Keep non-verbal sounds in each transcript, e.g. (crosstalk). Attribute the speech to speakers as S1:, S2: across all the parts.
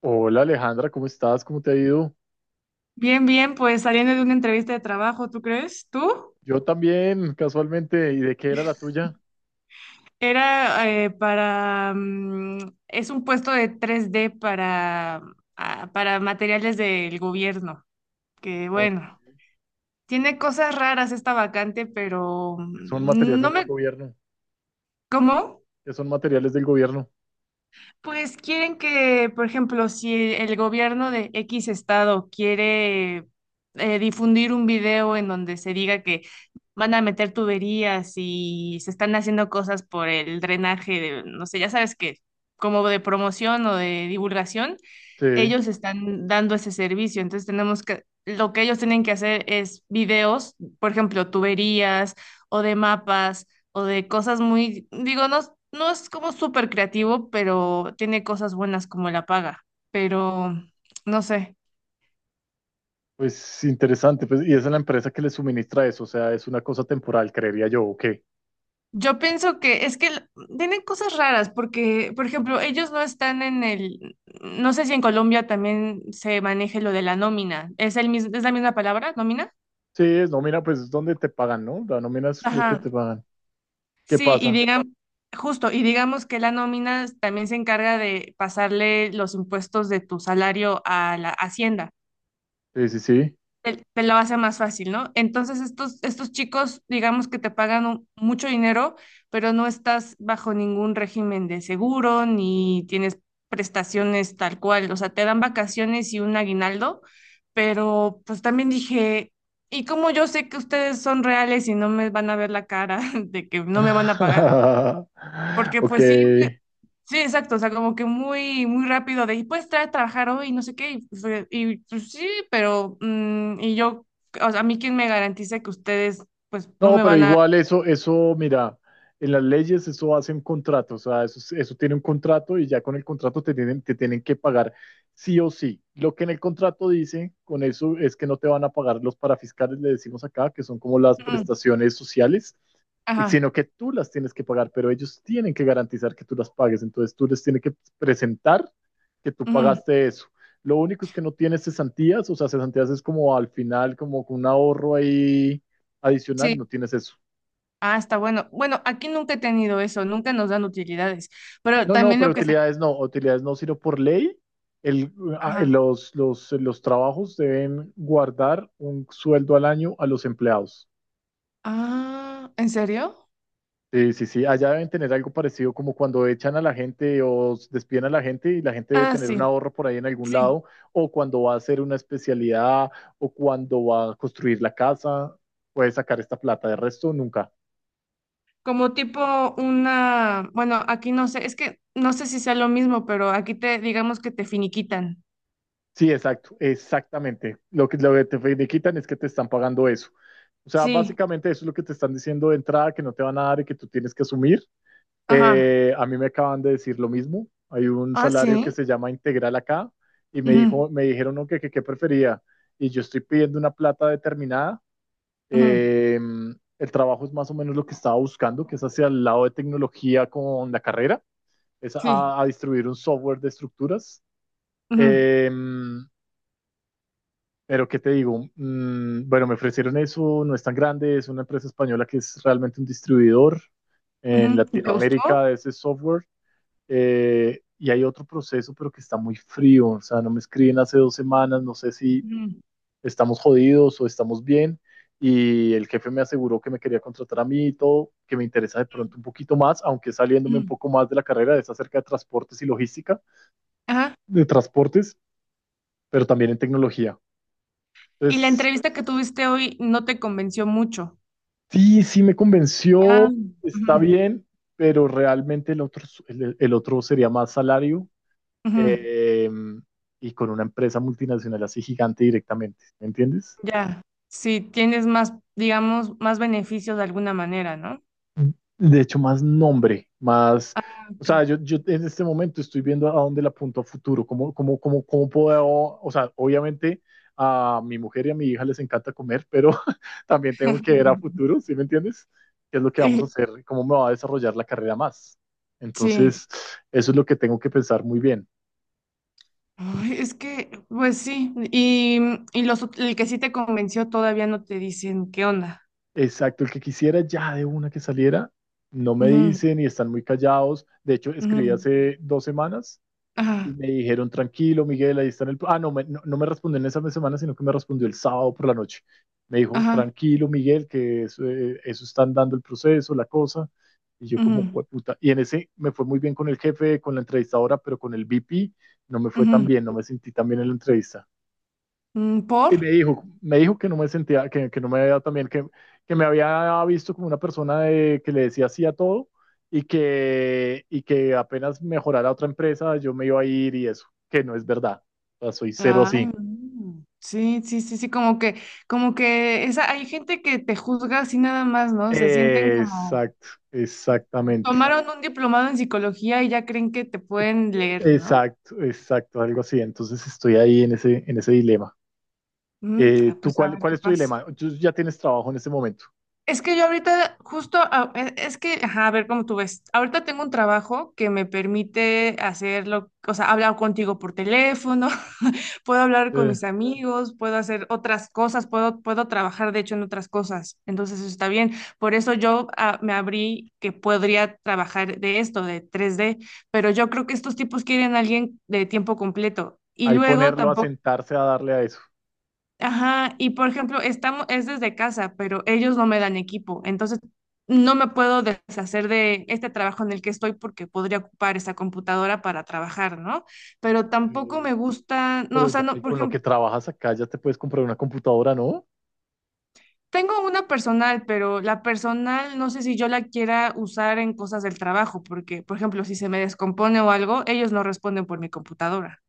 S1: Hola Alejandra, ¿cómo estás? ¿Cómo te ha ido?
S2: Bien, bien, pues saliendo de una entrevista de trabajo, ¿tú crees? ¿Tú?
S1: Yo también, casualmente. ¿Y de qué era la tuya?
S2: Era para... es un puesto de 3D para materiales del gobierno, que
S1: ¿O
S2: bueno, tiene cosas raras esta vacante, pero
S1: qué son
S2: no
S1: materiales del
S2: me...
S1: gobierno?
S2: ¿Cómo?
S1: ¿Qué son materiales del gobierno?
S2: Pues quieren que, por ejemplo, si el gobierno de X estado quiere difundir un video en donde se diga que van a meter tuberías y se están haciendo cosas por el drenaje, no sé, ya sabes que como de promoción o de divulgación,
S1: Sí,
S2: ellos están dando ese servicio, entonces tenemos que, lo que ellos tienen que hacer es videos, por ejemplo, tuberías o de mapas o de cosas muy, digo, no, no es como súper creativo, pero tiene cosas buenas como la paga, pero no sé.
S1: pues interesante. Pues, y esa es la empresa que le suministra eso, o sea, es una cosa temporal, creería yo, ¿o qué?
S2: Yo pienso que es que tienen cosas raras porque, por ejemplo, ellos no están en el, no sé si en Colombia también se maneje lo de la nómina. ¿Es la misma palabra, nómina?
S1: Sí, es nómina, pues es donde te pagan, ¿no? La nómina es lo que
S2: Ajá.
S1: te pagan. ¿Qué
S2: Sí, y
S1: pasa?
S2: digamos, justo, y digamos que la nómina también se encarga de pasarle los impuestos de tu salario a la hacienda.
S1: Sí, sí, sí.
S2: Te lo hace más fácil, ¿no? Entonces, estos chicos, digamos que te pagan mucho dinero, pero no estás bajo ningún régimen de seguro, ni tienes prestaciones tal cual. O sea, te dan vacaciones y un aguinaldo, pero pues también dije, ¿y cómo yo sé que ustedes son reales y no me van a ver la cara (laughs) de que no me van a pagar?
S1: (laughs)
S2: Porque
S1: Ok.
S2: pues sí, sí, exacto, o sea, como que muy, muy rápido de, y pues trae trabajar hoy, no sé qué, y, pues sí, pero, y yo, o sea, a mí quién me garantiza que ustedes, pues, no
S1: No,
S2: me
S1: pero
S2: van a...
S1: igual eso, mira, en las leyes eso hacen contratos, o sea, eso, eso tiene un contrato y ya con el contrato te tienen que pagar sí o sí. Lo que en el contrato dice con eso es que no te van a pagar los parafiscales, le decimos acá, que son como las
S2: Ujú,
S1: prestaciones sociales,
S2: ajá,
S1: sino que tú las tienes que pagar, pero ellos tienen que garantizar que tú las pagues, entonces tú les tienes que presentar que tú
S2: ujú,
S1: pagaste eso. Lo único es que no tienes cesantías, o sea, cesantías es como al final, como un ahorro ahí adicional no
S2: sí,
S1: tienes eso.
S2: ah, está bueno. Bueno, aquí nunca he tenido eso, nunca nos dan utilidades, pero
S1: No, no,
S2: también
S1: pero
S2: lo que se...
S1: utilidades no, sino por ley, el, ah,
S2: Ajá,
S1: los trabajos deben guardar un sueldo al año a los empleados.
S2: ah, ¿en serio?
S1: Sí, sí, sí, allá deben tener algo parecido como cuando echan a la gente o despiden a la gente y la gente debe
S2: Ah,
S1: tener
S2: sí,
S1: un ahorro por ahí en algún
S2: sí.
S1: lado, o cuando va a hacer una especialidad, o cuando va a construir la casa, puede sacar esta plata, de resto nunca.
S2: Como tipo una, bueno, aquí no sé, es que no sé si sea lo mismo, pero aquí te digamos que te finiquitan.
S1: Sí, exacto, exactamente. Lo que te quitan es que te están pagando eso. O sea,
S2: Sí,
S1: básicamente eso es lo que te están diciendo de entrada, que no te van a dar y que tú tienes que asumir.
S2: ajá.
S1: A mí me acaban de decir lo mismo. Hay un
S2: Ah,
S1: salario que
S2: sí.
S1: se llama integral acá y me
S2: Ujú,
S1: dijo, me dijeron no, que qué prefería. Y yo estoy pidiendo una plata determinada.
S2: ujú,
S1: Eh, el trabajo es más o menos lo que estaba buscando, que es hacia el lado de tecnología con la carrera, es
S2: sí.
S1: a distribuir un software de estructuras.
S2: Ujú,
S1: Em, Pero, ¿qué te digo? Bueno, me ofrecieron eso, no es tan grande, es una empresa española que es realmente un distribuidor en
S2: ujú. ¿Y te gustó?
S1: Latinoamérica de ese software. Y hay otro proceso, pero que está muy frío. O sea, no me escriben hace 2 semanas, no sé si
S2: Ujú,
S1: estamos jodidos o estamos bien. Y el jefe me aseguró que me quería contratar a mí y todo, que me interesa de pronto un poquito más, aunque saliéndome un
S2: ujú,
S1: poco más de la carrera, es acerca de transportes y logística,
S2: ajá.
S1: de transportes, pero también en tecnología.
S2: Y la
S1: Entonces,
S2: entrevista que tuviste hoy no te convenció mucho.
S1: sí, sí me
S2: Ah,
S1: convenció, está
S2: ujú,
S1: bien, pero realmente el otro, el otro sería más salario
S2: ujú,
S1: eh, y con una empresa multinacional así gigante directamente, ¿me entiendes?
S2: ya. Sí, tienes más, digamos, más beneficios de alguna manera, ¿no?
S1: De hecho, más nombre, más, o
S2: Ok.
S1: sea, yo en este momento estoy viendo a dónde le apunto a futuro, cómo puedo, o sea, obviamente a mi mujer y a mi hija les encanta comer, pero (laughs) también tengo que ver a futuro,
S2: (laughs)
S1: ¿sí me entiendes? ¿Qué es lo que vamos a
S2: Sí,
S1: hacer? ¿Cómo me va a desarrollar la carrera más?
S2: sí.
S1: Entonces, eso es lo que tengo que pensar muy bien.
S2: Ay, es que, pues sí. Y los, el que sí te convenció todavía no te dicen qué onda.
S1: Exacto, el que quisiera ya de una que saliera, no me
S2: Ujú,
S1: dicen y están muy callados. De hecho,
S2: ujú,
S1: escribí hace 2 semanas y
S2: ajá,
S1: me dijeron, tranquilo, Miguel, ahí está en el. No me respondió en esa semana, sino que me respondió el sábado por la noche. Me dijo,
S2: ajá.
S1: tranquilo, Miguel, que eso, eso están dando el proceso, la cosa. Y yo como,
S2: Ujú,
S1: puta. Y en ese me fue muy bien con el jefe, con la entrevistadora, pero con el VP no me fue tan
S2: ujú,
S1: bien, no me sentí tan bien en la entrevista.
S2: ¿por?
S1: Y me dijo que no me sentía, que no me había también, que me había visto como una persona que le decía sí a todo y que apenas mejorara otra empresa yo me iba a ir y eso, que no es verdad. O sea, soy cero
S2: Ay,
S1: así.
S2: no. Sí, sí, sí, sí, como que, esa, hay gente que te juzga así nada más, ¿no? Se sienten como,
S1: Exacto, exactamente.
S2: tomaron un diplomado en psicología y ya creen que te pueden leer, ¿no?
S1: Exacto, exacto, algo así. Entonces estoy ahí en ese, dilema.
S2: Mm,
S1: Eh,
S2: ah,
S1: ¿tú
S2: pues a
S1: cuál,
S2: ver
S1: cuál
S2: qué
S1: es tu
S2: pasa.
S1: dilema? Tú ya tienes trabajo en este momento.
S2: Es que yo ahorita justo, es que, ajá, a ver cómo tú ves. Ahorita tengo un trabajo que me permite hacerlo, o sea, hablar contigo por teléfono, (laughs) puedo hablar con
S1: Eh,
S2: mis amigos, puedo hacer otras cosas, puedo trabajar, de hecho, en otras cosas. Entonces, eso está bien. Por eso yo me abrí que podría trabajar de esto, de 3D, pero yo creo que estos tipos quieren a alguien de tiempo completo. Y
S1: ahí
S2: luego
S1: ponerlo a
S2: tampoco.
S1: sentarse a darle a eso.
S2: Ajá. Y por ejemplo, estamos, es desde casa, pero ellos no me dan equipo, entonces no me puedo deshacer de este trabajo en el que estoy porque podría ocupar esa computadora para trabajar, ¿no? Pero tampoco
S1: Eh,
S2: me gusta, no, o
S1: Pero
S2: sea,
S1: ya, y
S2: no, por
S1: con lo que
S2: ejemplo,
S1: trabajas acá ya te puedes comprar una computadora, ¿no?
S2: tengo una personal, pero la personal no sé si yo la quiera usar en cosas del trabajo, porque, por ejemplo, si se me descompone o algo, ellos no responden por mi computadora.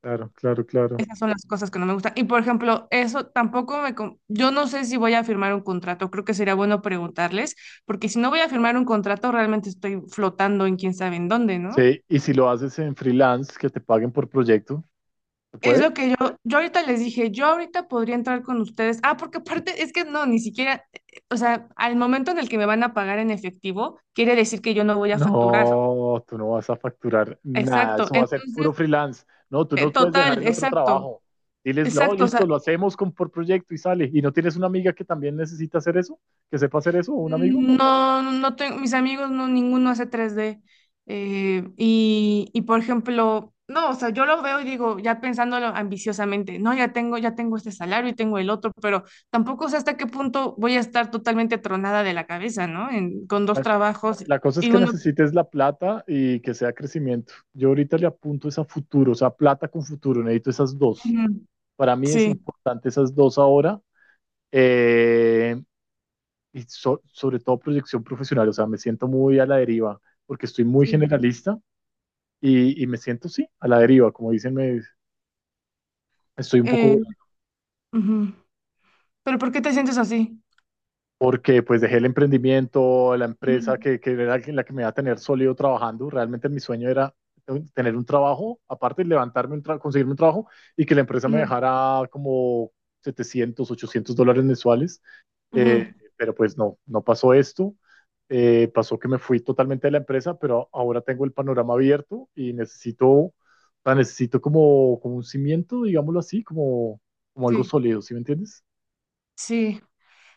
S1: Claro, claro, claro.
S2: Esas son las cosas que no me gustan. Y por ejemplo, eso tampoco me... Yo no sé si voy a firmar un contrato, creo que sería bueno preguntarles, porque si no voy a firmar un contrato, realmente estoy flotando en quién sabe en dónde, ¿no?
S1: Sí, y si lo haces en freelance, que te paguen por proyecto, ¿se
S2: Es lo
S1: puede?
S2: que yo ahorita les dije, yo ahorita podría entrar con ustedes. Ah, porque aparte es que no, ni siquiera, o sea, al momento en el que me van a pagar en efectivo, quiere decir que yo no voy a facturar.
S1: No, tú no vas a facturar nada,
S2: Exacto.
S1: eso va a ser puro
S2: Entonces,
S1: freelance. No, tú no puedes dejar
S2: total,
S1: el otro
S2: exacto,
S1: trabajo. Diles, no,
S2: exacto. O
S1: listo,
S2: sea,
S1: lo hacemos con, por proyecto y sale. ¿Y no tienes una amiga que también necesita hacer eso? ¿Que sepa hacer eso? ¿O un amigo?
S2: no, no tengo, mis amigos no, ninguno hace 3D, y por ejemplo, no, o sea, yo lo veo y digo, ya pensándolo ambiciosamente, no, ya tengo este salario y tengo el otro, pero tampoco sé hasta qué punto voy a estar totalmente tronada de la cabeza, ¿no? Con dos
S1: La,
S2: trabajos
S1: la cosa es
S2: y
S1: que
S2: uno.
S1: necesites la plata y que sea crecimiento. Yo ahorita le apunto es a futuro, o sea, plata con futuro, necesito esas dos.
S2: Ujú,
S1: Para mí es
S2: sí.
S1: importante esas dos ahora. eh, y sobre todo proyección profesional, o sea, me siento muy a la deriva porque estoy muy
S2: Sí.
S1: generalista y me siento, sí, a la deriva, como dicen, me, estoy un
S2: Eh,
S1: poco
S2: ujú. Pero ¿por qué te sientes así?
S1: porque pues dejé el emprendimiento, la empresa
S2: Ujú,
S1: que era la que me iba a tener sólido trabajando. Realmente mi sueño era tener un trabajo, aparte de levantarme, conseguirme un trabajo y que la empresa me
S2: ujú,
S1: dejara como 700, $800 mensuales. Eh,
S2: ujú,
S1: pero pues no, no pasó esto. Pasó que me fui totalmente de la empresa, pero ahora tengo el panorama abierto y necesito, o sea, necesito como un cimiento, digámoslo así, como algo
S2: sí,
S1: sólido, ¿sí me entiendes?
S2: sí.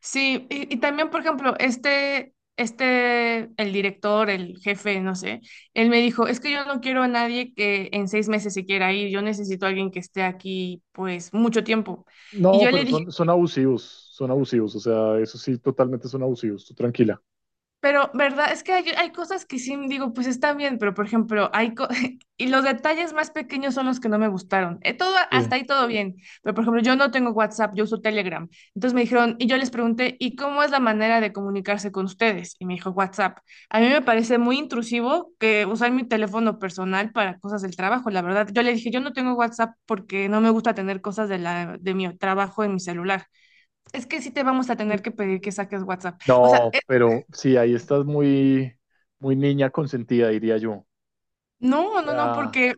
S2: Sí, y también, por ejemplo, este, el director, el jefe, no sé, él me dijo, es que yo no quiero a nadie que en 6 meses se quiera ir, yo necesito a alguien que esté aquí, pues, mucho tiempo. Y
S1: No,
S2: yo
S1: pero
S2: le
S1: son abusivos, son abusivos, o sea, eso sí, totalmente son abusivos, tú tranquila.
S2: Pero, ¿verdad? Es que hay cosas que sí digo, pues están bien, pero por ejemplo, (laughs) y los detalles más pequeños son los que no me gustaron. Todo, hasta
S1: Sí.
S2: ahí todo bien. Pero por ejemplo, yo no tengo WhatsApp, yo uso Telegram. Entonces me dijeron, y yo les pregunté, ¿y cómo es la manera de comunicarse con ustedes? Y me dijo WhatsApp. A mí me parece muy intrusivo que usar mi teléfono personal para cosas del trabajo, la verdad. Yo le dije, yo no tengo WhatsApp porque no me gusta tener cosas de mi trabajo en mi celular. Es que sí te vamos a tener que pedir que saques WhatsApp. O sea,
S1: No, pero sí, ahí estás muy, muy niña consentida, diría yo.
S2: no, no, no,
S1: Ya
S2: porque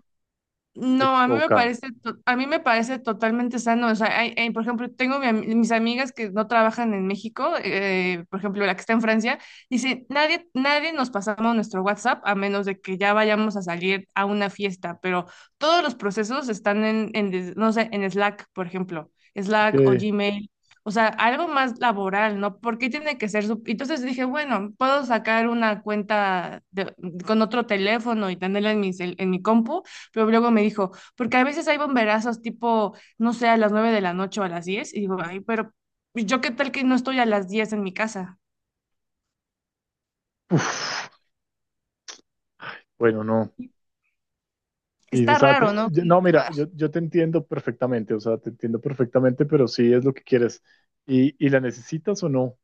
S1: te
S2: no, a mí me
S1: toca.
S2: parece, to- a mí me parece totalmente sano. O sea, por ejemplo, tengo mis amigas que no trabajan en México, por ejemplo, la que está en Francia, dice, nadie nos pasamos nuestro WhatsApp a menos de que ya vayamos a salir a una fiesta, pero todos los procesos están en, no sé, en Slack, por ejemplo, Slack o
S1: Que,
S2: Gmail. O sea, algo más laboral, ¿no? ¿Por qué tiene que ser su... Entonces dije, bueno, puedo sacar una cuenta con otro teléfono y tenerla en mi compu, pero luego me dijo, porque a veces hay bomberazos tipo, no sé, a las 9 de la noche o a las 10. Y digo, ay, pero yo qué tal que no estoy a las 10 en mi casa.
S1: uf, bueno, no. Sí, o
S2: Está
S1: sea,
S2: raro, ¿no?
S1: no, mira,
S2: Ah,
S1: yo te entiendo perfectamente, o sea, te entiendo perfectamente, pero sí es lo que quieres. Y la necesitas o no?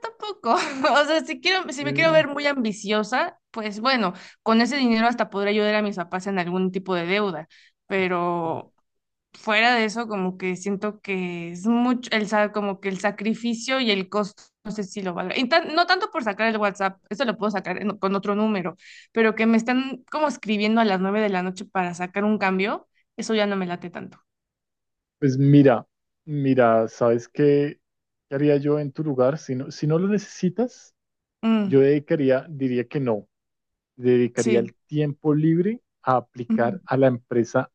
S2: tampoco. (laughs) O sea, si quiero, si me quiero
S1: Eh,
S2: ver muy ambiciosa, pues bueno, con ese dinero hasta podré ayudar a mis papás en algún tipo de deuda. Pero fuera de eso, como que siento que es mucho, el, sa- como que el sacrificio y el costo, no sé si lo valga. Y no tanto por sacar el WhatsApp, eso lo puedo sacar con otro número, pero que me están como escribiendo a las 9 de la noche para sacar un cambio, eso ya no me late tanto.
S1: pues mira, ¿sabes qué haría yo en tu lugar? Si no, si no, lo necesitas. Yo
S2: Mm,
S1: dedicaría, diría que no, dedicaría
S2: sí,
S1: el tiempo libre a
S2: mm,
S1: aplicar a la empresa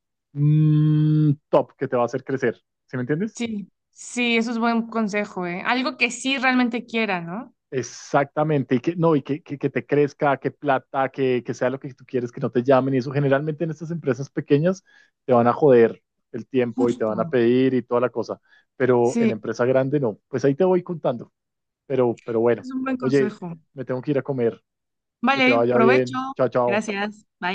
S1: top que te va a hacer crecer. ¿Sí me entiendes?
S2: sí, sí, eso es buen consejo, ¿eh? Algo que sí realmente quiera, ¿no?
S1: Exactamente, y que no, y que te crezca, que plata, que sea lo que tú quieres, que no te llamen, y eso generalmente en estas empresas pequeñas te van a joder el tiempo y te van a
S2: Justo,
S1: pedir y toda la cosa, pero, en
S2: sí,
S1: empresa grande no, pues ahí te voy contando, pero bueno,
S2: es un buen
S1: oye,
S2: consejo.
S1: me tengo que ir a comer, que te
S2: Vale,
S1: vaya
S2: provecho.
S1: bien, chao, chao.
S2: Gracias.